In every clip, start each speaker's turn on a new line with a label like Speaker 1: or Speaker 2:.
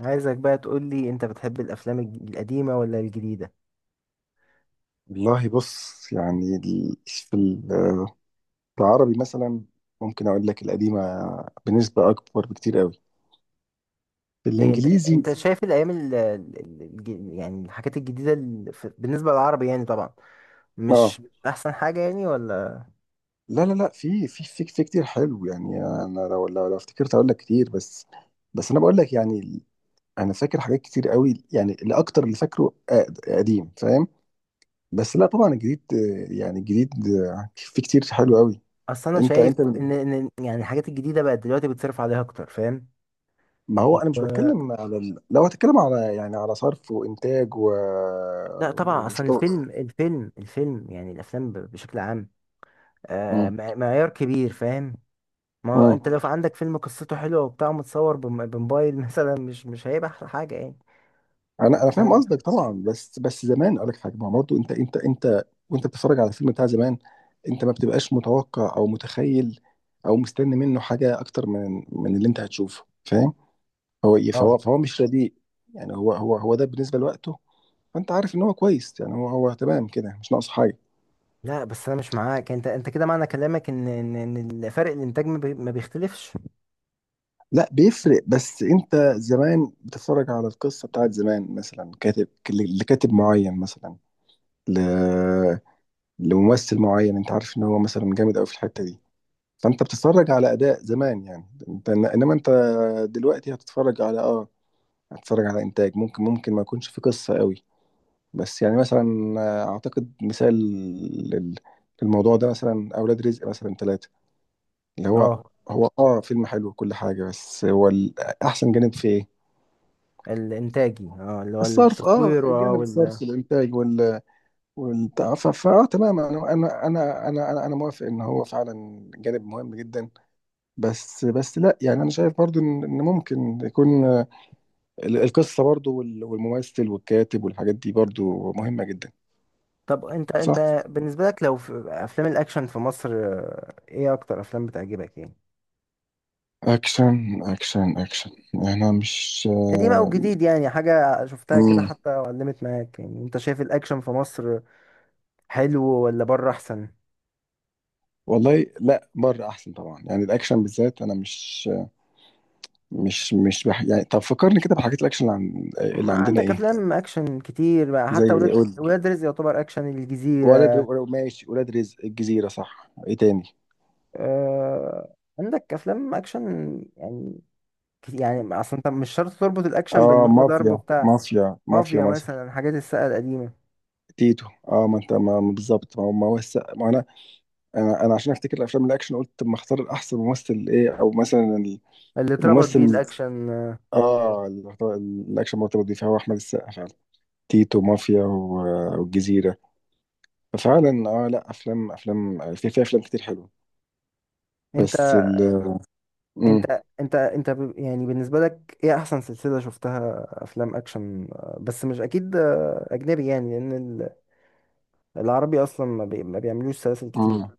Speaker 1: عايزك بقى تقول لي انت بتحب الافلام القديمه ولا الجديده.
Speaker 2: والله بص، يعني ال- في ال- آه، في العربي مثلا، ممكن اقول لك القديمه بنسبه اكبر بكتير قوي في
Speaker 1: ليه انت
Speaker 2: الانجليزي.
Speaker 1: انت بص شايف الايام ال... ال- الج- يعني الحاجات الجديده بالنسبه للعربي يعني طبعا
Speaker 2: اه،
Speaker 1: مش احسن حاجه يعني ولا.
Speaker 2: لا لا لا، في كتير حلو. يعني انا لو افتكرت اقول لك كتير، بس انا بقول لك يعني. انا فاكر حاجات كتير قوي، يعني الاكتر اللي فاكره قديم، فاهم؟ بس لا، طبعا الجديد، يعني الجديد، في كتير حلو قوي.
Speaker 1: اصل انا
Speaker 2: انت
Speaker 1: شايف
Speaker 2: انت
Speaker 1: ان يعني الحاجات الجديده بقت دلوقتي بتصرف عليها اكتر، فاهم؟
Speaker 2: ما هو انا مش
Speaker 1: و...
Speaker 2: بتكلم على لو هتكلم على يعني على صرف وانتاج
Speaker 1: لا طبعا اصلا
Speaker 2: وشغل.
Speaker 1: الفيلم يعني الافلام بشكل عام، آه،
Speaker 2: مم.
Speaker 1: معيار كبير فاهم. ما هو
Speaker 2: مم.
Speaker 1: انت لو في عندك فيلم قصته حلوه وبتاع، متصور بموبايل مثلا، مش هيبقى احلى حاجه يعني.
Speaker 2: انا
Speaker 1: انت
Speaker 2: انا فاهم
Speaker 1: فاهم.
Speaker 2: قصدك طبعا، بس زمان اقول لك حاجه، ما هو برضه انت وانت بتتفرج على الفيلم بتاع زمان، انت ما بتبقاش متوقع او متخيل او مستني منه حاجه اكتر من اللي انت هتشوفه، فاهم هو إيه؟
Speaker 1: اه،
Speaker 2: فهو مش رديء، يعني هو ده بالنسبه لوقته. فانت عارف ان هو كويس، يعني هو تمام كده، مش ناقص حاجه.
Speaker 1: لا بس انا مش معاك، انت انت كده معنى كلامك ان فرق الانتاج ما بيختلفش.
Speaker 2: لا، بيفرق، بس انت زمان بتتفرج على القصه بتاعت زمان، مثلا كاتب لكاتب معين، مثلا ل... لممثل معين، انت عارف ان هو مثلا جامد قوي في الحته دي، فانت بتتفرج على اداء زمان يعني. انت، انما انت دلوقتي هتتفرج على هتتفرج على انتاج ممكن ما يكونش في قصه قوي. بس يعني مثلا، اعتقد مثال لل- للموضوع ده، مثلا اولاد رزق مثلا ثلاثه، اللي هو
Speaker 1: اه
Speaker 2: فيلم حلو وكل حاجه، بس هو احسن جانب في ايه؟
Speaker 1: الانتاجي، اه اللي هو
Speaker 2: الصرف، اه
Speaker 1: التصوير، اه
Speaker 2: جانب
Speaker 1: وال.
Speaker 2: الصرف، الانتاج والبتاع. ف- فاه تمام، انا انا انا انا انا أنا موافق ان هو فعلا جانب مهم جدا. بس لا، يعني انا شايف برضو ان ممكن يكون، القصه برضو والممثل والكاتب والحاجات دي برضو مهمه جدا.
Speaker 1: طب انت
Speaker 2: صح.
Speaker 1: انت بالنسبه لك، لو في افلام الاكشن في مصر، ايه اكتر افلام بتعجبك يعني؟
Speaker 2: اكشن، يعني انا مش،
Speaker 1: قديمه او جديد؟ يعني حاجه شفتها كده
Speaker 2: مم.
Speaker 1: حتى علمت معاك. يعني انت شايف الاكشن في مصر حلو ولا بره احسن؟
Speaker 2: والله، لا، بره احسن طبعا، يعني الاكشن بالذات. انا مش يعني، طب فكرني كده بحاجات الاكشن، اللي،
Speaker 1: ما
Speaker 2: اللي عندنا
Speaker 1: عندك
Speaker 2: ايه؟
Speaker 1: افلام اكشن كتير بقى،
Speaker 2: زي
Speaker 1: حتى ولاد
Speaker 2: إيه؟ قول.
Speaker 1: ولاد رزق يعتبر اكشن، الجزيره.
Speaker 2: ماشي، ولاد رزق، الجزيرة، صح. ايه تاني؟
Speaker 1: آه، عندك افلام اكشن يعني. يعني اصل انت مش شرط تربط الاكشن بان
Speaker 2: اه،
Speaker 1: هو ضرب بتاع
Speaker 2: مافيا
Speaker 1: مافيا
Speaker 2: مثلا،
Speaker 1: مثلا، حاجات الساقه القديمه،
Speaker 2: تيتو. اه ما انت، ما بالظبط، ما هو ما انا عشان افتكر الافلام الاكشن، قلت طب ما اختار الاحسن ممثل ايه، او مثلا
Speaker 1: اللي اتربط بيه
Speaker 2: الممثل.
Speaker 1: الاكشن.
Speaker 2: اه، الاكشن مرتبط بيه فهو احمد السقا فعلا. تيتو، مافيا والجزيرة. ففعلا، اه، لا، افلام، افلام في في افلام كتير حلوة،
Speaker 1: انت
Speaker 2: بس مم.
Speaker 1: انت يعني بالنسبه لك ايه احسن سلسله شفتها افلام اكشن؟ بس مش اكيد، اجنبي يعني، لان العربي اصلا ما, بي ما بيعملوش سلاسل كتير.
Speaker 2: مم.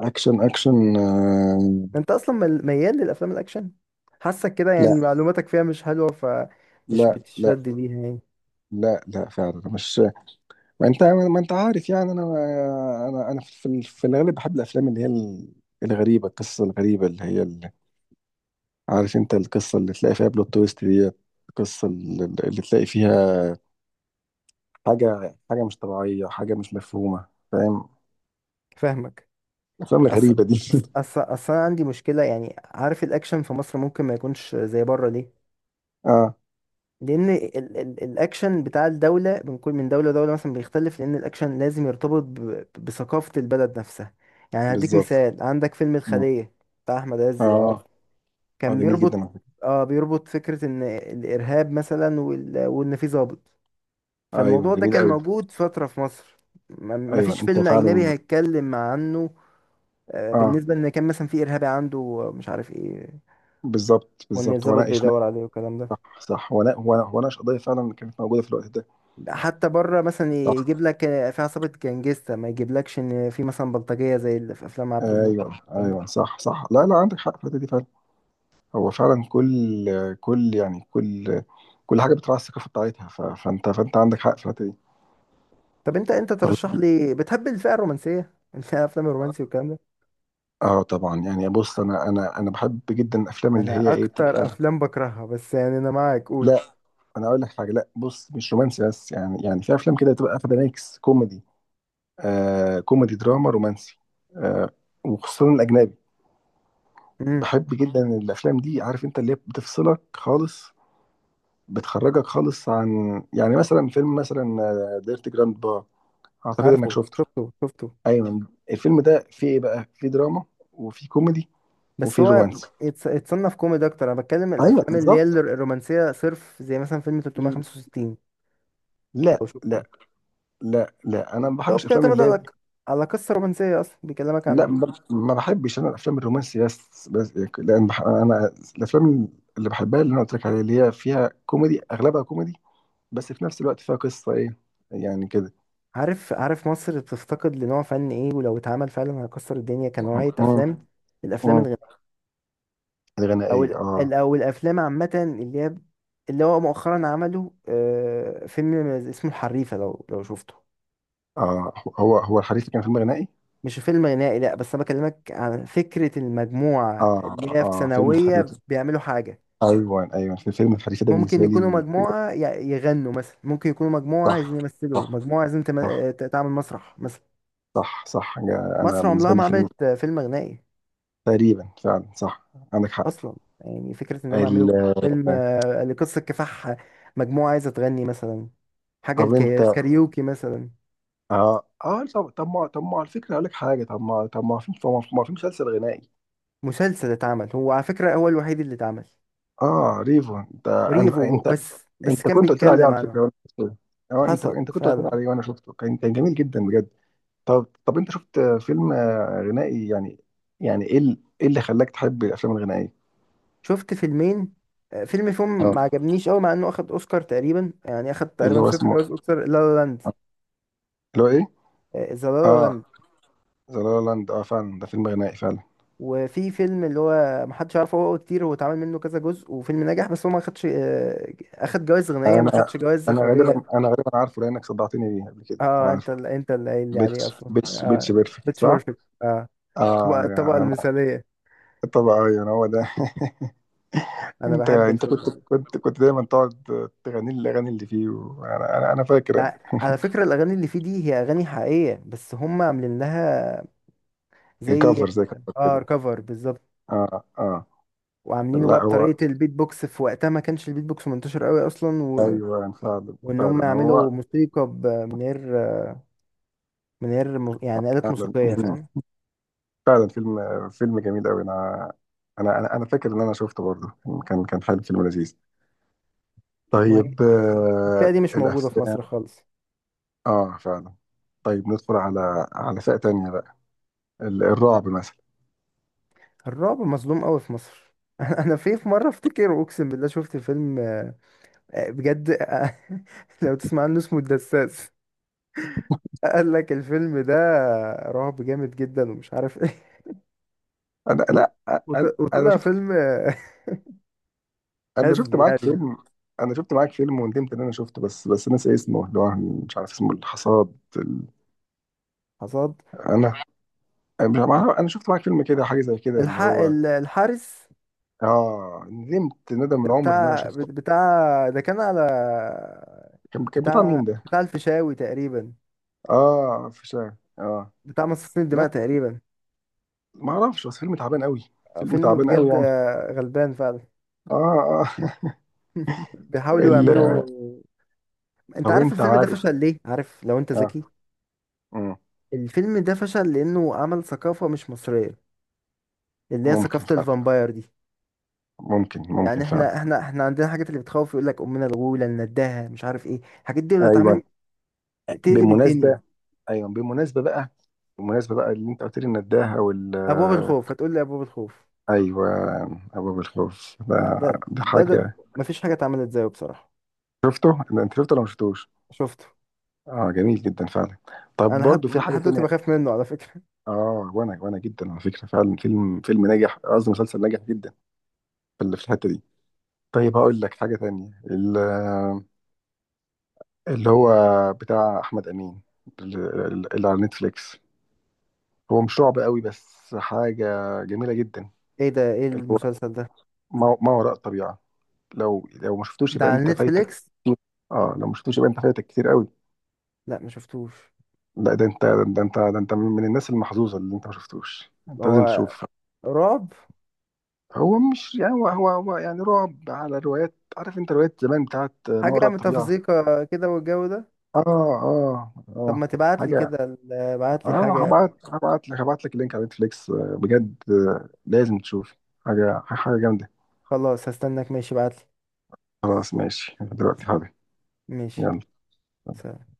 Speaker 2: اكشن اكشن
Speaker 1: انت اصلا ميال للافلام الاكشن، حاسك كده يعني
Speaker 2: لا
Speaker 1: معلوماتك فيها مش حلوه فمش
Speaker 2: لا لا
Speaker 1: بتشد ليها يعني.
Speaker 2: لا لا، فعلا مش. ما انت عارف يعني، انا في في الغالب بحب الافلام اللي هي، الغريبه، القصه الغريبه، اللي هي عارف انت، القصه اللي تلاقي فيها بلوت تويست دي، القصه اللي تلاقي فيها حاجه مش طبيعيه، حاجه مش مفهومه، فاهم؟
Speaker 1: فاهمك.
Speaker 2: الافلام
Speaker 1: أصل
Speaker 2: الغريبه دي
Speaker 1: أصل أصل أصل أنا عندي مشكلة، يعني عارف الأكشن في مصر ممكن ما يكونش زي بره ليه؟
Speaker 2: اه،
Speaker 1: لأن ال الأكشن بتاع الدولة، من كل من دولة لدولة مثلا بيختلف، لأن الأكشن لازم يرتبط بثقافة البلد نفسها. يعني هديك
Speaker 2: بالظبط.
Speaker 1: مثال، عندك فيلم
Speaker 2: مم.
Speaker 1: الخلية بتاع أحمد عز لو عارف،
Speaker 2: اه اه،
Speaker 1: كان
Speaker 2: جميل جدا
Speaker 1: بيربط،
Speaker 2: على فكرة.
Speaker 1: آه بيربط فكرة إن الإرهاب مثلا، وإن في ضابط.
Speaker 2: ايوه،
Speaker 1: فالموضوع ده
Speaker 2: جميل
Speaker 1: كان
Speaker 2: قوي.
Speaker 1: موجود فترة في مصر،
Speaker 2: ايوه،
Speaker 1: مفيش
Speaker 2: انت
Speaker 1: فيلم أجنبي
Speaker 2: فعلا.
Speaker 1: هيتكلم عنه.
Speaker 2: اه،
Speaker 1: بالنسبة ان كان مثلا في ارهابي عنده مش عارف ايه،
Speaker 2: بالظبط
Speaker 1: وان
Speaker 2: بالظبط،
Speaker 1: الضابط
Speaker 2: وناقش.
Speaker 1: بيدور عليه والكلام ده.
Speaker 2: صح صح، وناقش قضيه فعلا كانت موجوده في الوقت
Speaker 1: حتى بره مثلا
Speaker 2: ده.
Speaker 1: يجيب لك، في عصابة جانجستا، ما يجيبلكش ان في مثلا بلطجية زي اللي في افلام عبده موت او
Speaker 2: ايوه
Speaker 1: الكلام ده.
Speaker 2: ايوه، صح صح، لا لا، عندك حق في الحته دي فعلا. هو فعلا، كل كل يعني كل كل حاجه بتراعي الثقافه بتاعتها، فانت عندك حق في الحته دي.
Speaker 1: طب انت
Speaker 2: طيب.
Speaker 1: ترشح لي، بتحب الفئة الرومانسية الافلام الرومانسي والكلام ده؟
Speaker 2: اه طبعا، يعني بص، انا بحب جدا الافلام اللي
Speaker 1: انا
Speaker 2: هي ايه،
Speaker 1: اكتر
Speaker 2: بتبقى.
Speaker 1: افلام بكرهها، بس يعني انا معاك، قول.
Speaker 2: لا، انا اقول لك حاجه، لا، بص، مش رومانسي، بس يعني، في افلام كده بتبقى واخده ميكس كوميدي، آه، كوميدي دراما رومانسي، آه، وخصوصا الاجنبي.
Speaker 1: امم.
Speaker 2: بحب جدا الافلام دي، عارف انت، اللي هي بتفصلك خالص، بتخرجك خالص عن. يعني مثلا فيلم، مثلا ديرتي جراند با، اعتقد انك
Speaker 1: عارفه،
Speaker 2: شفته.
Speaker 1: شفته شفته.
Speaker 2: ايوه، الفيلم ده فيه ايه بقى؟ فيه دراما، وفيه كوميدي،
Speaker 1: بس
Speaker 2: وفيه
Speaker 1: هو
Speaker 2: رومانس.
Speaker 1: يتصنف كوميدي اكتر. انا بتكلم
Speaker 2: ايوه،
Speaker 1: الافلام اللي هي
Speaker 2: بالظبط.
Speaker 1: الرومانسية صرف، زي مثلا فيلم 365
Speaker 2: لا
Speaker 1: لو شفته،
Speaker 2: لا لا لا، انا ما
Speaker 1: لو
Speaker 2: بحبش افلام
Speaker 1: بتعتمد
Speaker 2: اللي هي-.
Speaker 1: على على قصة رومانسية أصلا بيكلمك
Speaker 2: لا،
Speaker 1: عن.
Speaker 2: ما بحبش انا الافلام الرومانسي، بس لان انا الافلام اللي بحبها، اللي انا قلت لك عليها، اللي هي فيها كوميدي، اغلبها كوميدي، بس في نفس الوقت فيها قصه ايه، يعني كده.
Speaker 1: عارف مصر بتفتقد لنوع فن إيه، ولو اتعمل فعلا هيكسر الدنيا
Speaker 2: اه
Speaker 1: كنوعية
Speaker 2: اه.
Speaker 1: أفلام؟ الأفلام
Speaker 2: أه.
Speaker 1: الغنائية.
Speaker 2: الغنائيه، اه.
Speaker 1: أو الأفلام عامة اللي هي، اللي هو مؤخرا عمله، فيلم اسمه الحريفة لو شفته.
Speaker 2: آه هو هو الحريفه كان فيلم غنائي.
Speaker 1: مش فيلم غنائي لأ، بس أنا بكلمك عن فكرة المجموعة
Speaker 2: اه
Speaker 1: اللي هي في
Speaker 2: اه، فيلم
Speaker 1: ثانوية
Speaker 2: الحريفه.
Speaker 1: بيعملوا حاجة.
Speaker 2: ايوه ايوه، في فيلم الحريفه ده
Speaker 1: ممكن
Speaker 2: بالنسبه
Speaker 1: يكونوا
Speaker 2: لي.
Speaker 1: مجموعة يغنوا مثلا، ممكن يكونوا مجموعة عايزين
Speaker 2: صح
Speaker 1: يمثلوا،
Speaker 2: صح
Speaker 1: مجموعة عايزين
Speaker 2: صح
Speaker 1: تعمل مسرح مثلا.
Speaker 2: صح صح، انا
Speaker 1: مصر عمرها
Speaker 2: بالنسبه لي
Speaker 1: ما
Speaker 2: فيلم،
Speaker 1: عملت فيلم غنائي
Speaker 2: تقريبا فعلا صح، عندك حق.
Speaker 1: اصلا. يعني فكره انهم
Speaker 2: ال...
Speaker 1: يعملوا فيلم، لقصه كفاح، مجموعه عايزه تغني مثلا، حاجه
Speaker 2: طب انت،
Speaker 1: الكاريوكي مثلا.
Speaker 2: اه اه، طب ما، على فكره اقول لك حاجه، طب ما طب ما في طب ما ما في مسلسل غنائي.
Speaker 1: مسلسل اتعمل هو على فكره، هو الوحيد اللي اتعمل،
Speaker 2: اه، ريفو.
Speaker 1: ريفو،
Speaker 2: انت،
Speaker 1: بس بس
Speaker 2: انت
Speaker 1: كان
Speaker 2: كنت قلت لي عليه
Speaker 1: بيتكلم
Speaker 2: على
Speaker 1: عنه.
Speaker 2: فكره، وانا شفته. اه، انت
Speaker 1: حصل
Speaker 2: انت كنت قلت لي
Speaker 1: فعلا.
Speaker 2: عليه، وانا شفته، كان جميل جدا بجد. طب انت شفت فيلم غنائي، يعني ايه ايه اللي خلاك تحب الافلام الغنائيه؟
Speaker 1: شفت فيلمين. فيلم فيهم
Speaker 2: اه،
Speaker 1: ما عجبنيش قوي مع انه اخد اوسكار، تقريبا يعني اخد
Speaker 2: اللي
Speaker 1: تقريبا
Speaker 2: هو
Speaker 1: ست
Speaker 2: اسمه،
Speaker 1: جوائز اوسكار، لا لا لاند،
Speaker 2: اللي هو ايه،
Speaker 1: ذا لا لا
Speaker 2: اه،
Speaker 1: لاند.
Speaker 2: ذا لا لاند، اه، فعلا ده فيلم غنائي فعلا.
Speaker 1: وفي فيلم اللي هو محدش عارفه، هو كتير هو اتعمل منه كذا جزء، وفيلم نجح، بس هو ما خدش، اخد جوائز غنائية ما
Speaker 2: انا،
Speaker 1: خدش جوائز إخراجية.
Speaker 2: غالبا عارفه، لانك صدعتني بيه قبل كده انا
Speaker 1: اه انت
Speaker 2: عارفه.
Speaker 1: انت اللي قايل لي عليه اصلا،
Speaker 2: بيتش
Speaker 1: اه،
Speaker 2: بيرفكت،
Speaker 1: بيتش
Speaker 2: صح.
Speaker 1: بيرفكت، اه. الطبقة
Speaker 2: اه،
Speaker 1: الطبقة
Speaker 2: انا
Speaker 1: المثالية.
Speaker 2: طبعا ايوه، هو ده
Speaker 1: انا
Speaker 2: انت
Speaker 1: بحب
Speaker 2: انت كنت
Speaker 1: الفيلم.
Speaker 2: كنت كنت دايما تقعد تغني لي الاغاني اللي فيه، وانا انا انا فاكر.
Speaker 1: على فكرة الاغاني اللي فيه دي هي اغاني حقيقية، بس هم عاملين لها زي،
Speaker 2: الكفر، زي كفر
Speaker 1: اه،
Speaker 2: كده.
Speaker 1: كفر بالظبط.
Speaker 2: اه اه.
Speaker 1: وعاملينه بقى
Speaker 2: لا، هو،
Speaker 1: بطريقة البيت بوكس. في وقتها ما كانش البيت بوكس منتشر قوي اصلا
Speaker 2: ايوه، يعني فعلا
Speaker 1: وان هم
Speaker 2: فعلا
Speaker 1: يعملوا
Speaker 2: هو،
Speaker 1: موسيقى من غير، من غير يعني آلات
Speaker 2: فعلا
Speaker 1: موسيقية، فاهم.
Speaker 2: فعلا فيلم، جميل قوي. انا، أنا فاكر ان انا شفته برضه، كان حلو، فيلم لذيذ.
Speaker 1: ما هي
Speaker 2: طيب.
Speaker 1: الفئة دي مش موجودة في
Speaker 2: الافلام.
Speaker 1: مصر خالص.
Speaker 2: اه، فعلا. طيب، ندخل على فئة تانية بقى، الرعب مثلا.
Speaker 1: الرعب مظلوم قوي في مصر انا في في مرة افتكر اقسم بالله شفت فيلم، بجد، لو تسمع عنه، اسمه الدساس. قال لك الفيلم ده رعب جامد جدا ومش عارف ايه، و-
Speaker 2: لا، انا انا
Speaker 1: وطلع
Speaker 2: شفت
Speaker 1: فيلم،
Speaker 2: انا شفت
Speaker 1: هزلي يعني
Speaker 2: معاك
Speaker 1: جدا.
Speaker 2: فيلم انا شفت معاك فيلم وندمت ان انا شفته، بس ناسي اسمه، اللي هو مش عارف اسمه، الحصاد.
Speaker 1: حصاد،
Speaker 2: انا، مش عارف- انا شفت معاك فيلم كده، حاجة زي كده، اللي هو.
Speaker 1: الحارس.
Speaker 2: اه، ندمت ندم
Speaker 1: ده
Speaker 2: العمر ان انا
Speaker 1: بتاع
Speaker 2: شفته.
Speaker 1: بتاع، ده كان على،
Speaker 2: كان بتاع
Speaker 1: بتاع
Speaker 2: مين ده؟
Speaker 1: بتاع الفيشاوي تقريبا،
Speaker 2: اه، في شارع. اه،
Speaker 1: بتاع مصاصين
Speaker 2: لا،
Speaker 1: الدماء تقريبا.
Speaker 2: ما اعرفش، بس فيلم تعبان قوي، فيلم
Speaker 1: فيلم
Speaker 2: تعبان قوي
Speaker 1: بجد،
Speaker 2: يعني.
Speaker 1: غلبان فعلا.
Speaker 2: اه اه
Speaker 1: بيحاولوا
Speaker 2: ال...
Speaker 1: يعملوا. انت
Speaker 2: طب
Speaker 1: عارف
Speaker 2: انت
Speaker 1: الفيلم ده
Speaker 2: عارف،
Speaker 1: فشل ليه؟ عارف لو انت
Speaker 2: اه.
Speaker 1: ذكي؟
Speaker 2: مم.
Speaker 1: الفيلم ده فشل لانه عمل ثقافة مش مصرية، اللي هي
Speaker 2: ممكن
Speaker 1: ثقافة
Speaker 2: فعلا،
Speaker 1: الفامباير دي.
Speaker 2: ممكن
Speaker 1: يعني
Speaker 2: ممكن فعلا.
Speaker 1: احنا عندنا حاجات اللي بتخوف، يقول لك امنا الغولة، النداهة، مش عارف ايه. الحاجات دي لو
Speaker 2: ايوه،
Speaker 1: اتعملت تقلب
Speaker 2: بالمناسبه،
Speaker 1: الدنيا.
Speaker 2: ايوه بالمناسبه بقى، بالمناسبه بقى، اللي انت قلت لي النداهه
Speaker 1: ابواب الخوف، هتقول لي ابواب الخوف.
Speaker 2: ايوه. ابواب الخوف
Speaker 1: لا
Speaker 2: ده،
Speaker 1: ده ده, ده
Speaker 2: حاجه،
Speaker 1: مفيش حاجة اتعملت زيه بصراحة.
Speaker 2: شفته. انت شفته ولا ما شفتوش؟
Speaker 1: شفته.
Speaker 2: اه، جميل جدا فعلا. طب
Speaker 1: انا لحد
Speaker 2: برضو في حاجه
Speaker 1: لحد دلوقتي
Speaker 2: تانية.
Speaker 1: بخاف منه على فكرة.
Speaker 2: اه، وانا جدا على فكره، فعلا فيلم، ناجح، قصدي مسلسل ناجح جدا في في الحته دي. طيب، هقول لك حاجه تانية، اللي هو بتاع احمد امين، ال- اللي على نتفليكس، هو مش رعب قوي بس حاجه جميله جدا،
Speaker 1: ايه ده، ايه
Speaker 2: اللي هو
Speaker 1: المسلسل ده؟
Speaker 2: ما وراء الطبيعه. لو ما شفتوش،
Speaker 1: ده
Speaker 2: يبقى
Speaker 1: على
Speaker 2: انت فايتك
Speaker 1: نتفليكس؟
Speaker 2: كتير. اه، لو ما شفتوش يبقى انت فايتك كتير قوي.
Speaker 1: لا ما شفتوش.
Speaker 2: لا، ده انت، من الناس المحظوظه اللي انت ما شفتوش، انت لازم
Speaker 1: هو
Speaker 2: تشوف.
Speaker 1: رعب؟
Speaker 2: هو مش يعني، هو يعني رعب على روايات، عارف انت، روايات زمان بتاعت ما
Speaker 1: حاجة
Speaker 2: وراء الطبيعة.
Speaker 1: متفزيقة كده والجو ده؟
Speaker 2: اه اه
Speaker 1: طب ما
Speaker 2: اه،
Speaker 1: تبعت لي
Speaker 2: حاجة.
Speaker 1: كده، ابعت لي
Speaker 2: اه،
Speaker 1: حاجة.
Speaker 2: هبعت لك اللينك على نتفليكس، بجد، لازم تشوف. حاجة حاجة جامدة.
Speaker 1: خلاص هستناك، ماشي، ابعت لي.
Speaker 2: خلاص، ماشي، دلوقتي، حاضر.
Speaker 1: ماشي،
Speaker 2: يلا.
Speaker 1: سلام.